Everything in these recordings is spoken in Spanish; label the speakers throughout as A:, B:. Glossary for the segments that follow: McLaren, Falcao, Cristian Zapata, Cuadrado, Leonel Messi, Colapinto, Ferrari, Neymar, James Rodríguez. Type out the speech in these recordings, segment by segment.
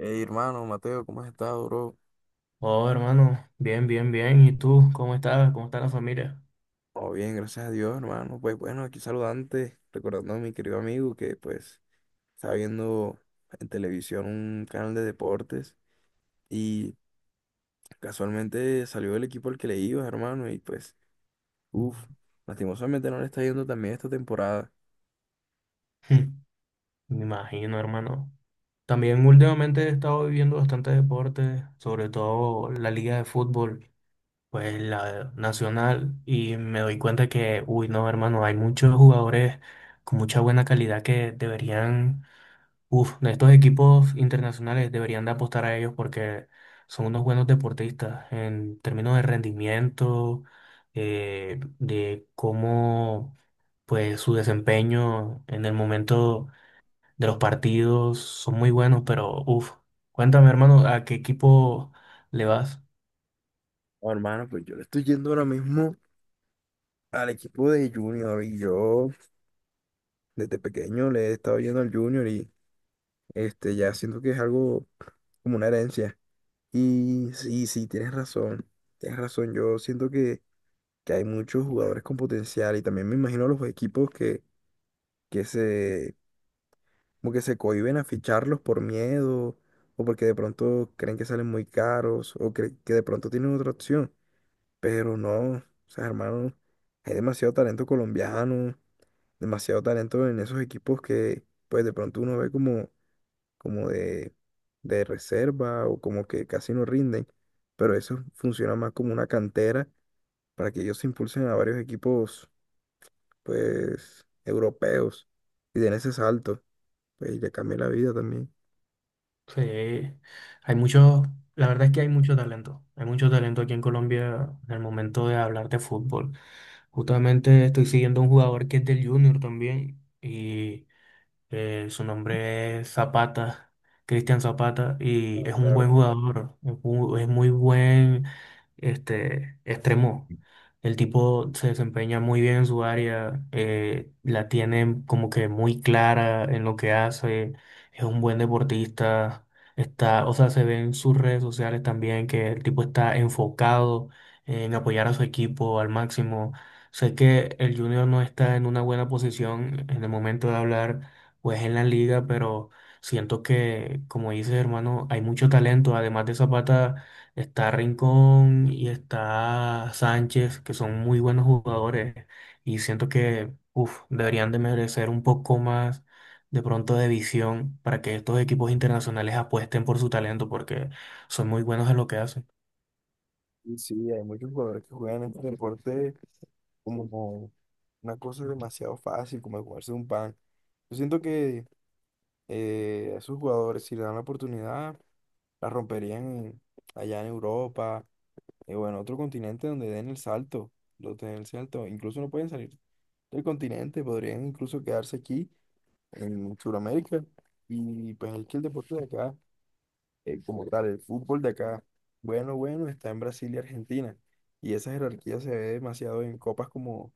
A: Hey, hermano, Mateo, ¿cómo has estado, bro?
B: Oh, hermano, bien, bien, bien. ¿Y tú? ¿Cómo estás? ¿Cómo está la familia?
A: Todo bien, gracias a Dios, hermano. Pues bueno, aquí saludante, recordando a mi querido amigo que pues estaba viendo en televisión un canal de deportes y casualmente salió el equipo al que le iba, hermano, y pues, uff, lastimosamente no le está yendo también esta temporada.
B: Me imagino, hermano. También últimamente he estado viviendo bastante deporte, sobre todo la liga de fútbol, pues la nacional, y me doy cuenta que, uy, no, hermano, hay muchos jugadores con mucha buena calidad que deberían, estos equipos internacionales deberían de apostar a ellos porque son unos buenos deportistas en términos de rendimiento, de cómo pues su desempeño en el momento de los partidos son muy buenos, pero cuéntame hermano, ¿a qué equipo le vas?
A: Oh, hermano, pues yo le estoy yendo ahora mismo al equipo de Junior, y yo desde pequeño le he estado yendo al Junior, y este ya siento que es algo como una herencia. Y sí, sí, tienes razón, tienes razón. Yo siento que hay muchos jugadores con potencial, y también me imagino los equipos que se, como que se cohíben a ficharlos por miedo, o porque de pronto creen que salen muy caros, o que de pronto tienen otra opción. Pero no, o sea, hermano, hay demasiado talento colombiano, demasiado talento en esos equipos que pues de pronto uno ve como de reserva, o como que casi no rinden, pero eso funciona más como una cantera para que ellos se impulsen a varios equipos, pues, europeos, y den ese salto, pues, y le cambie la vida también.
B: Sí, hay mucho, la verdad es que hay mucho talento aquí en Colombia en el momento de hablar de fútbol. Justamente estoy siguiendo a un jugador que es del Junior también. Y Su nombre es Zapata, Cristian Zapata, y
A: Ah,
B: es un
A: claro,
B: buen jugador, es es muy buen extremo. El tipo se desempeña muy bien en su área, la tiene como que muy clara en lo que hace, es un buen deportista, está, o sea, se ve en sus redes sociales también que el tipo está enfocado en apoyar a su equipo al máximo. Sé que el Junior no está en una buena posición en el momento de hablar pues en la liga, pero siento que, como dices, hermano, hay mucho talento. Además de Zapata, está Rincón y está Sánchez, que son muy buenos jugadores. Y siento que, uf, deberían de merecer un poco más de pronto de visión para que estos equipos internacionales apuesten por su talento, porque son muy buenos en lo que hacen.
A: y sí, hay muchos jugadores que juegan este deporte como una cosa demasiado fácil, como jugarse un pan. Yo siento que a esos jugadores, si le dan la oportunidad, la romperían allá en Europa, y bueno, otro continente donde den el salto, lo den el salto. Incluso no pueden salir del continente, podrían incluso quedarse aquí en Sudamérica. Y pues es que el deporte de acá, como tal, el fútbol de acá, bueno, bueno, está en Brasil y Argentina. Y esa jerarquía se ve demasiado en copas como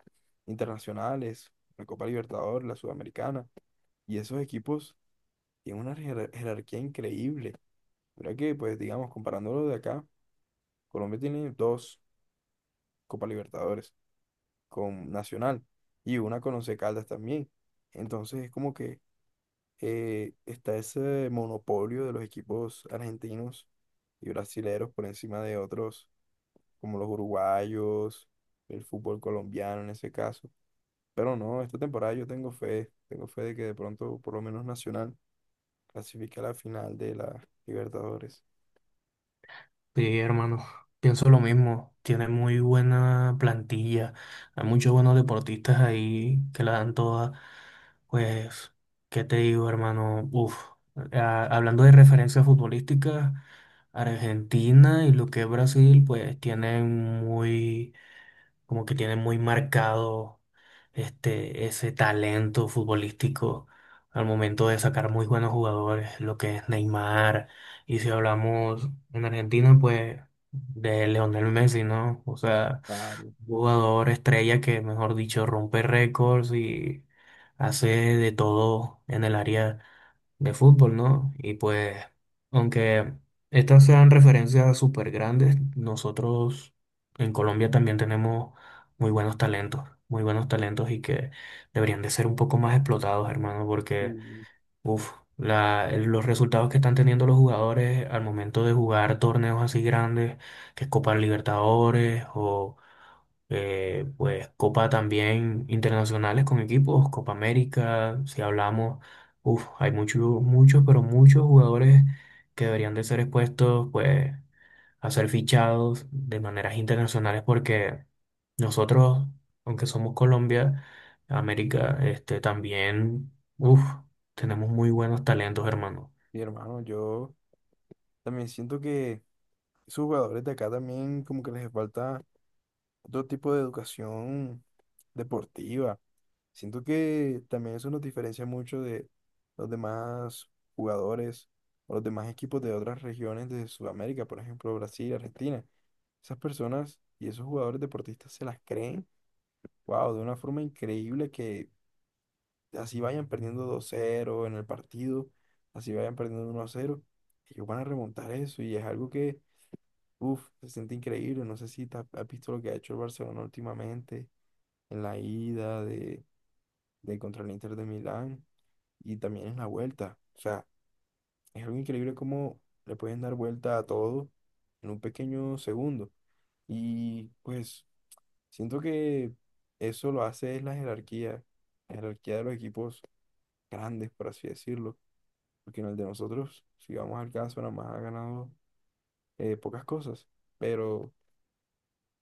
A: internacionales, la Copa Libertadores, la Sudamericana. Y esos equipos tienen una jerarquía increíble. Mira que, pues digamos, comparándolo de acá, Colombia tiene dos Copa Libertadores, con Nacional, y una con Once Caldas también. Entonces es como que está ese monopolio de los equipos argentinos y brasileros por encima de otros, como los uruguayos, el fútbol colombiano en ese caso. Pero no, esta temporada yo tengo fe de que de pronto por lo menos Nacional clasifique a la final de la Libertadores.
B: Sí, hermano, pienso lo mismo. Tiene muy buena plantilla. Hay muchos buenos deportistas ahí que la dan toda. Pues, ¿qué te digo, hermano? Uf, hablando de referencias futbolísticas, Argentina y lo que es Brasil, pues tienen muy como que tiene muy marcado ese talento futbolístico al momento de sacar muy buenos jugadores, lo que es Neymar. Y si hablamos en Argentina, pues de Leonel Messi, ¿no? O sea,
A: Claro.
B: jugador estrella que, mejor dicho, rompe récords y hace de todo en el área de fútbol, ¿no? Y pues, aunque estas sean referencias súper grandes, nosotros en Colombia también tenemos muy buenos talentos y que deberían de ser un poco más explotados, hermano, porque,
A: Sí.
B: uff, los resultados que están teniendo los jugadores al momento de jugar torneos así grandes, que es Copa Libertadores o pues Copa también internacionales con equipos, Copa América, si hablamos, uf, hay muchos, muchos, pero muchos jugadores que deberían de ser expuestos, pues, a ser fichados de maneras internacionales porque nosotros, aunque somos Colombia, América, también, uf, tenemos muy buenos talentos, hermano.
A: Mi hermano, yo también siento que esos jugadores de acá también como que les falta otro tipo de educación deportiva. Siento que también eso nos diferencia mucho de los demás jugadores o los demás equipos de otras regiones de Sudamérica, por ejemplo, Brasil, Argentina. Esas personas y esos jugadores deportistas se las creen, wow, de una forma increíble que así vayan perdiendo 2-0 en el partido, así vayan perdiendo 1-0, ellos van a remontar eso, y es algo que, uff, se siente increíble. No sé si te has visto lo que ha hecho el Barcelona últimamente en la ida de contra el Inter de Milán, y también en la vuelta. O sea, es algo increíble cómo le pueden dar vuelta a todo en un pequeño segundo. Y pues siento que eso lo hace es la jerarquía de los equipos grandes, por así decirlo. Porque en el de nosotros, si vamos al caso, nada más ha ganado pocas cosas. Pero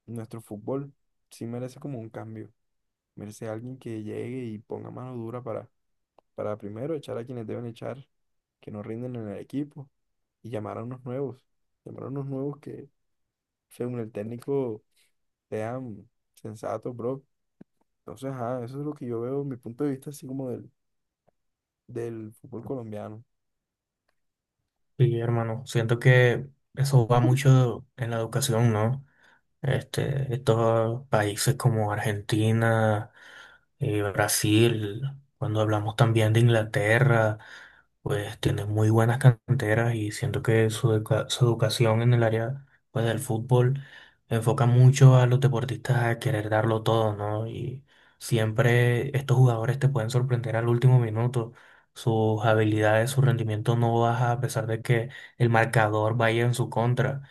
A: nuestro fútbol sí merece como un cambio. Merece alguien que llegue y ponga mano dura para primero echar a quienes deben echar, que no rinden en el equipo, y llamar a unos nuevos, llamar a unos nuevos que, según el técnico, sean sensatos, bro. Entonces, ajá, eso es lo que yo veo, mi punto de vista, así como del, del fútbol colombiano.
B: Sí, hermano, siento que eso va mucho en la educación, ¿no? Estos países como Argentina y Brasil, cuando hablamos también de Inglaterra, pues tienen muy buenas canteras y siento que su, su educación en el área pues, del fútbol enfoca mucho a los deportistas a querer darlo todo, ¿no? Y siempre estos jugadores te pueden sorprender al último minuto. Sus habilidades, su rendimiento no baja a pesar de que el marcador vaya en su contra.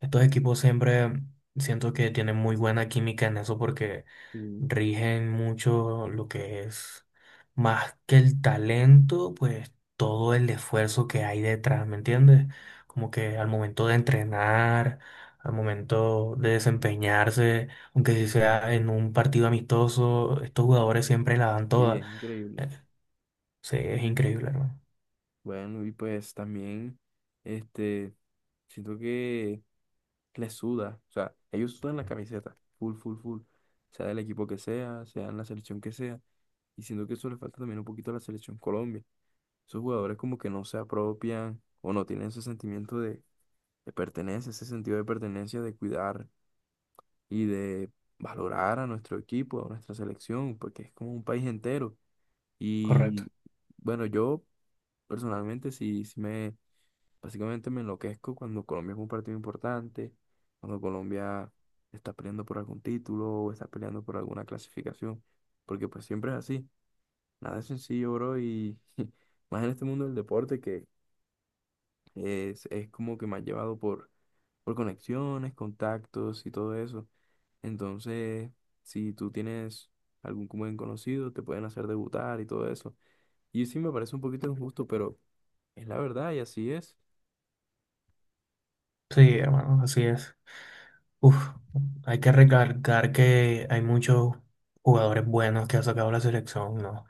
B: Estos equipos siempre siento que tienen muy buena química en eso porque
A: Sí,
B: rigen mucho lo que es más que el talento, pues todo el esfuerzo que hay detrás, ¿me entiendes? Como que al momento de entrenar, al momento de desempeñarse, aunque si sea en un partido amistoso, estos jugadores siempre la dan
A: sí,
B: toda.
A: es increíble.
B: Eh, Sí, es increíble, hermano.
A: Bueno, y pues también, este, siento que les suda, o sea, ellos sudan la camiseta, full, full, full, sea del equipo que sea, sea en la selección que sea, y siento que eso le falta también un poquito a la selección Colombia. Esos jugadores como que no se apropian o no tienen ese sentimiento de, pertenencia, ese sentido de pertenencia, de cuidar y de valorar a nuestro equipo, a nuestra selección, porque es como un país entero.
B: Correcto.
A: Y bueno, yo personalmente sí, sí básicamente me enloquezco cuando Colombia es un partido importante, cuando Colombia está peleando por algún título o está peleando por alguna clasificación, porque pues siempre es así. Nada es sencillo, bro, y más en este mundo del deporte que es como que me ha llevado por conexiones, contactos y todo eso. Entonces, si tú tienes algún buen conocido, te pueden hacer debutar y todo eso. Y sí me parece un poquito injusto, pero es la verdad y así es.
B: Sí, hermano, así es. Uf, hay que recalcar que hay muchos jugadores buenos que ha sacado la selección, ¿no?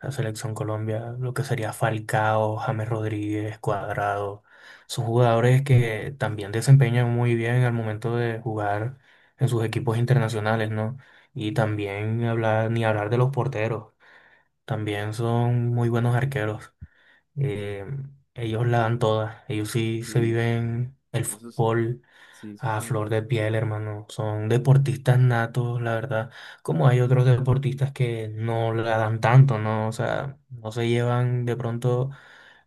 B: La selección Colombia, lo que sería Falcao, James Rodríguez, Cuadrado, son jugadores que también desempeñan muy bien al momento de jugar en sus equipos internacionales, ¿no? Y también hablar, ni hablar de los porteros, también son muy buenos arqueros. Eh, ellos la dan todas, ellos sí se
A: Sí,
B: viven el
A: eso es,
B: fútbol
A: sí, eso
B: a flor
A: también.
B: de piel, hermano. Son deportistas natos, la verdad. Como hay otros deportistas que no la dan tanto, ¿no? O sea, no se llevan de pronto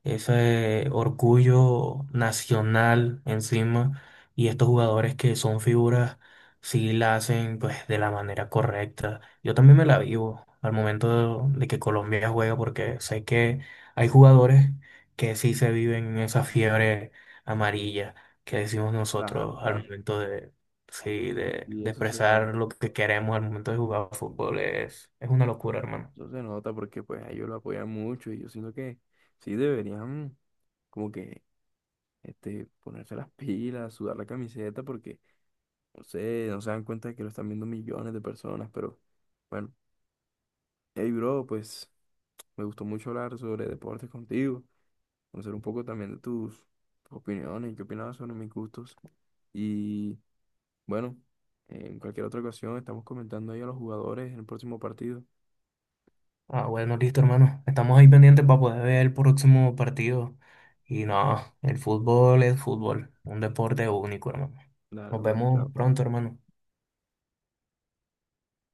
B: ese orgullo nacional encima y estos jugadores que son figuras sí la hacen pues de la manera correcta. Yo también me la vivo al momento de que Colombia juega porque sé que hay jugadores que sí se viven en esa fiebre amarilla que decimos
A: Claro,
B: nosotros al
A: claro.
B: momento de sí
A: Y
B: de
A: eso se nota.
B: expresar lo que queremos al momento de jugar fútbol es una locura, hermano.
A: Eso se nota porque pues a ellos lo apoyan mucho, y yo siento que sí deberían como que este, ponerse las pilas, sudar la camiseta, porque no sé, no se dan cuenta de que lo están viendo millones de personas, pero bueno. Hey, bro, pues me gustó mucho hablar sobre deportes contigo, conocer un poco también de tus opiniones, qué opinabas sobre mis gustos. Y bueno, en cualquier otra ocasión estamos comentando ahí a los jugadores en el próximo partido.
B: Ah, bueno, listo, hermano. Estamos ahí pendientes para poder ver el próximo partido. Y no, el fútbol es fútbol, un deporte único, hermano.
A: Dale,
B: Nos
A: hermano,
B: vemos
A: chao.
B: pronto, hermano.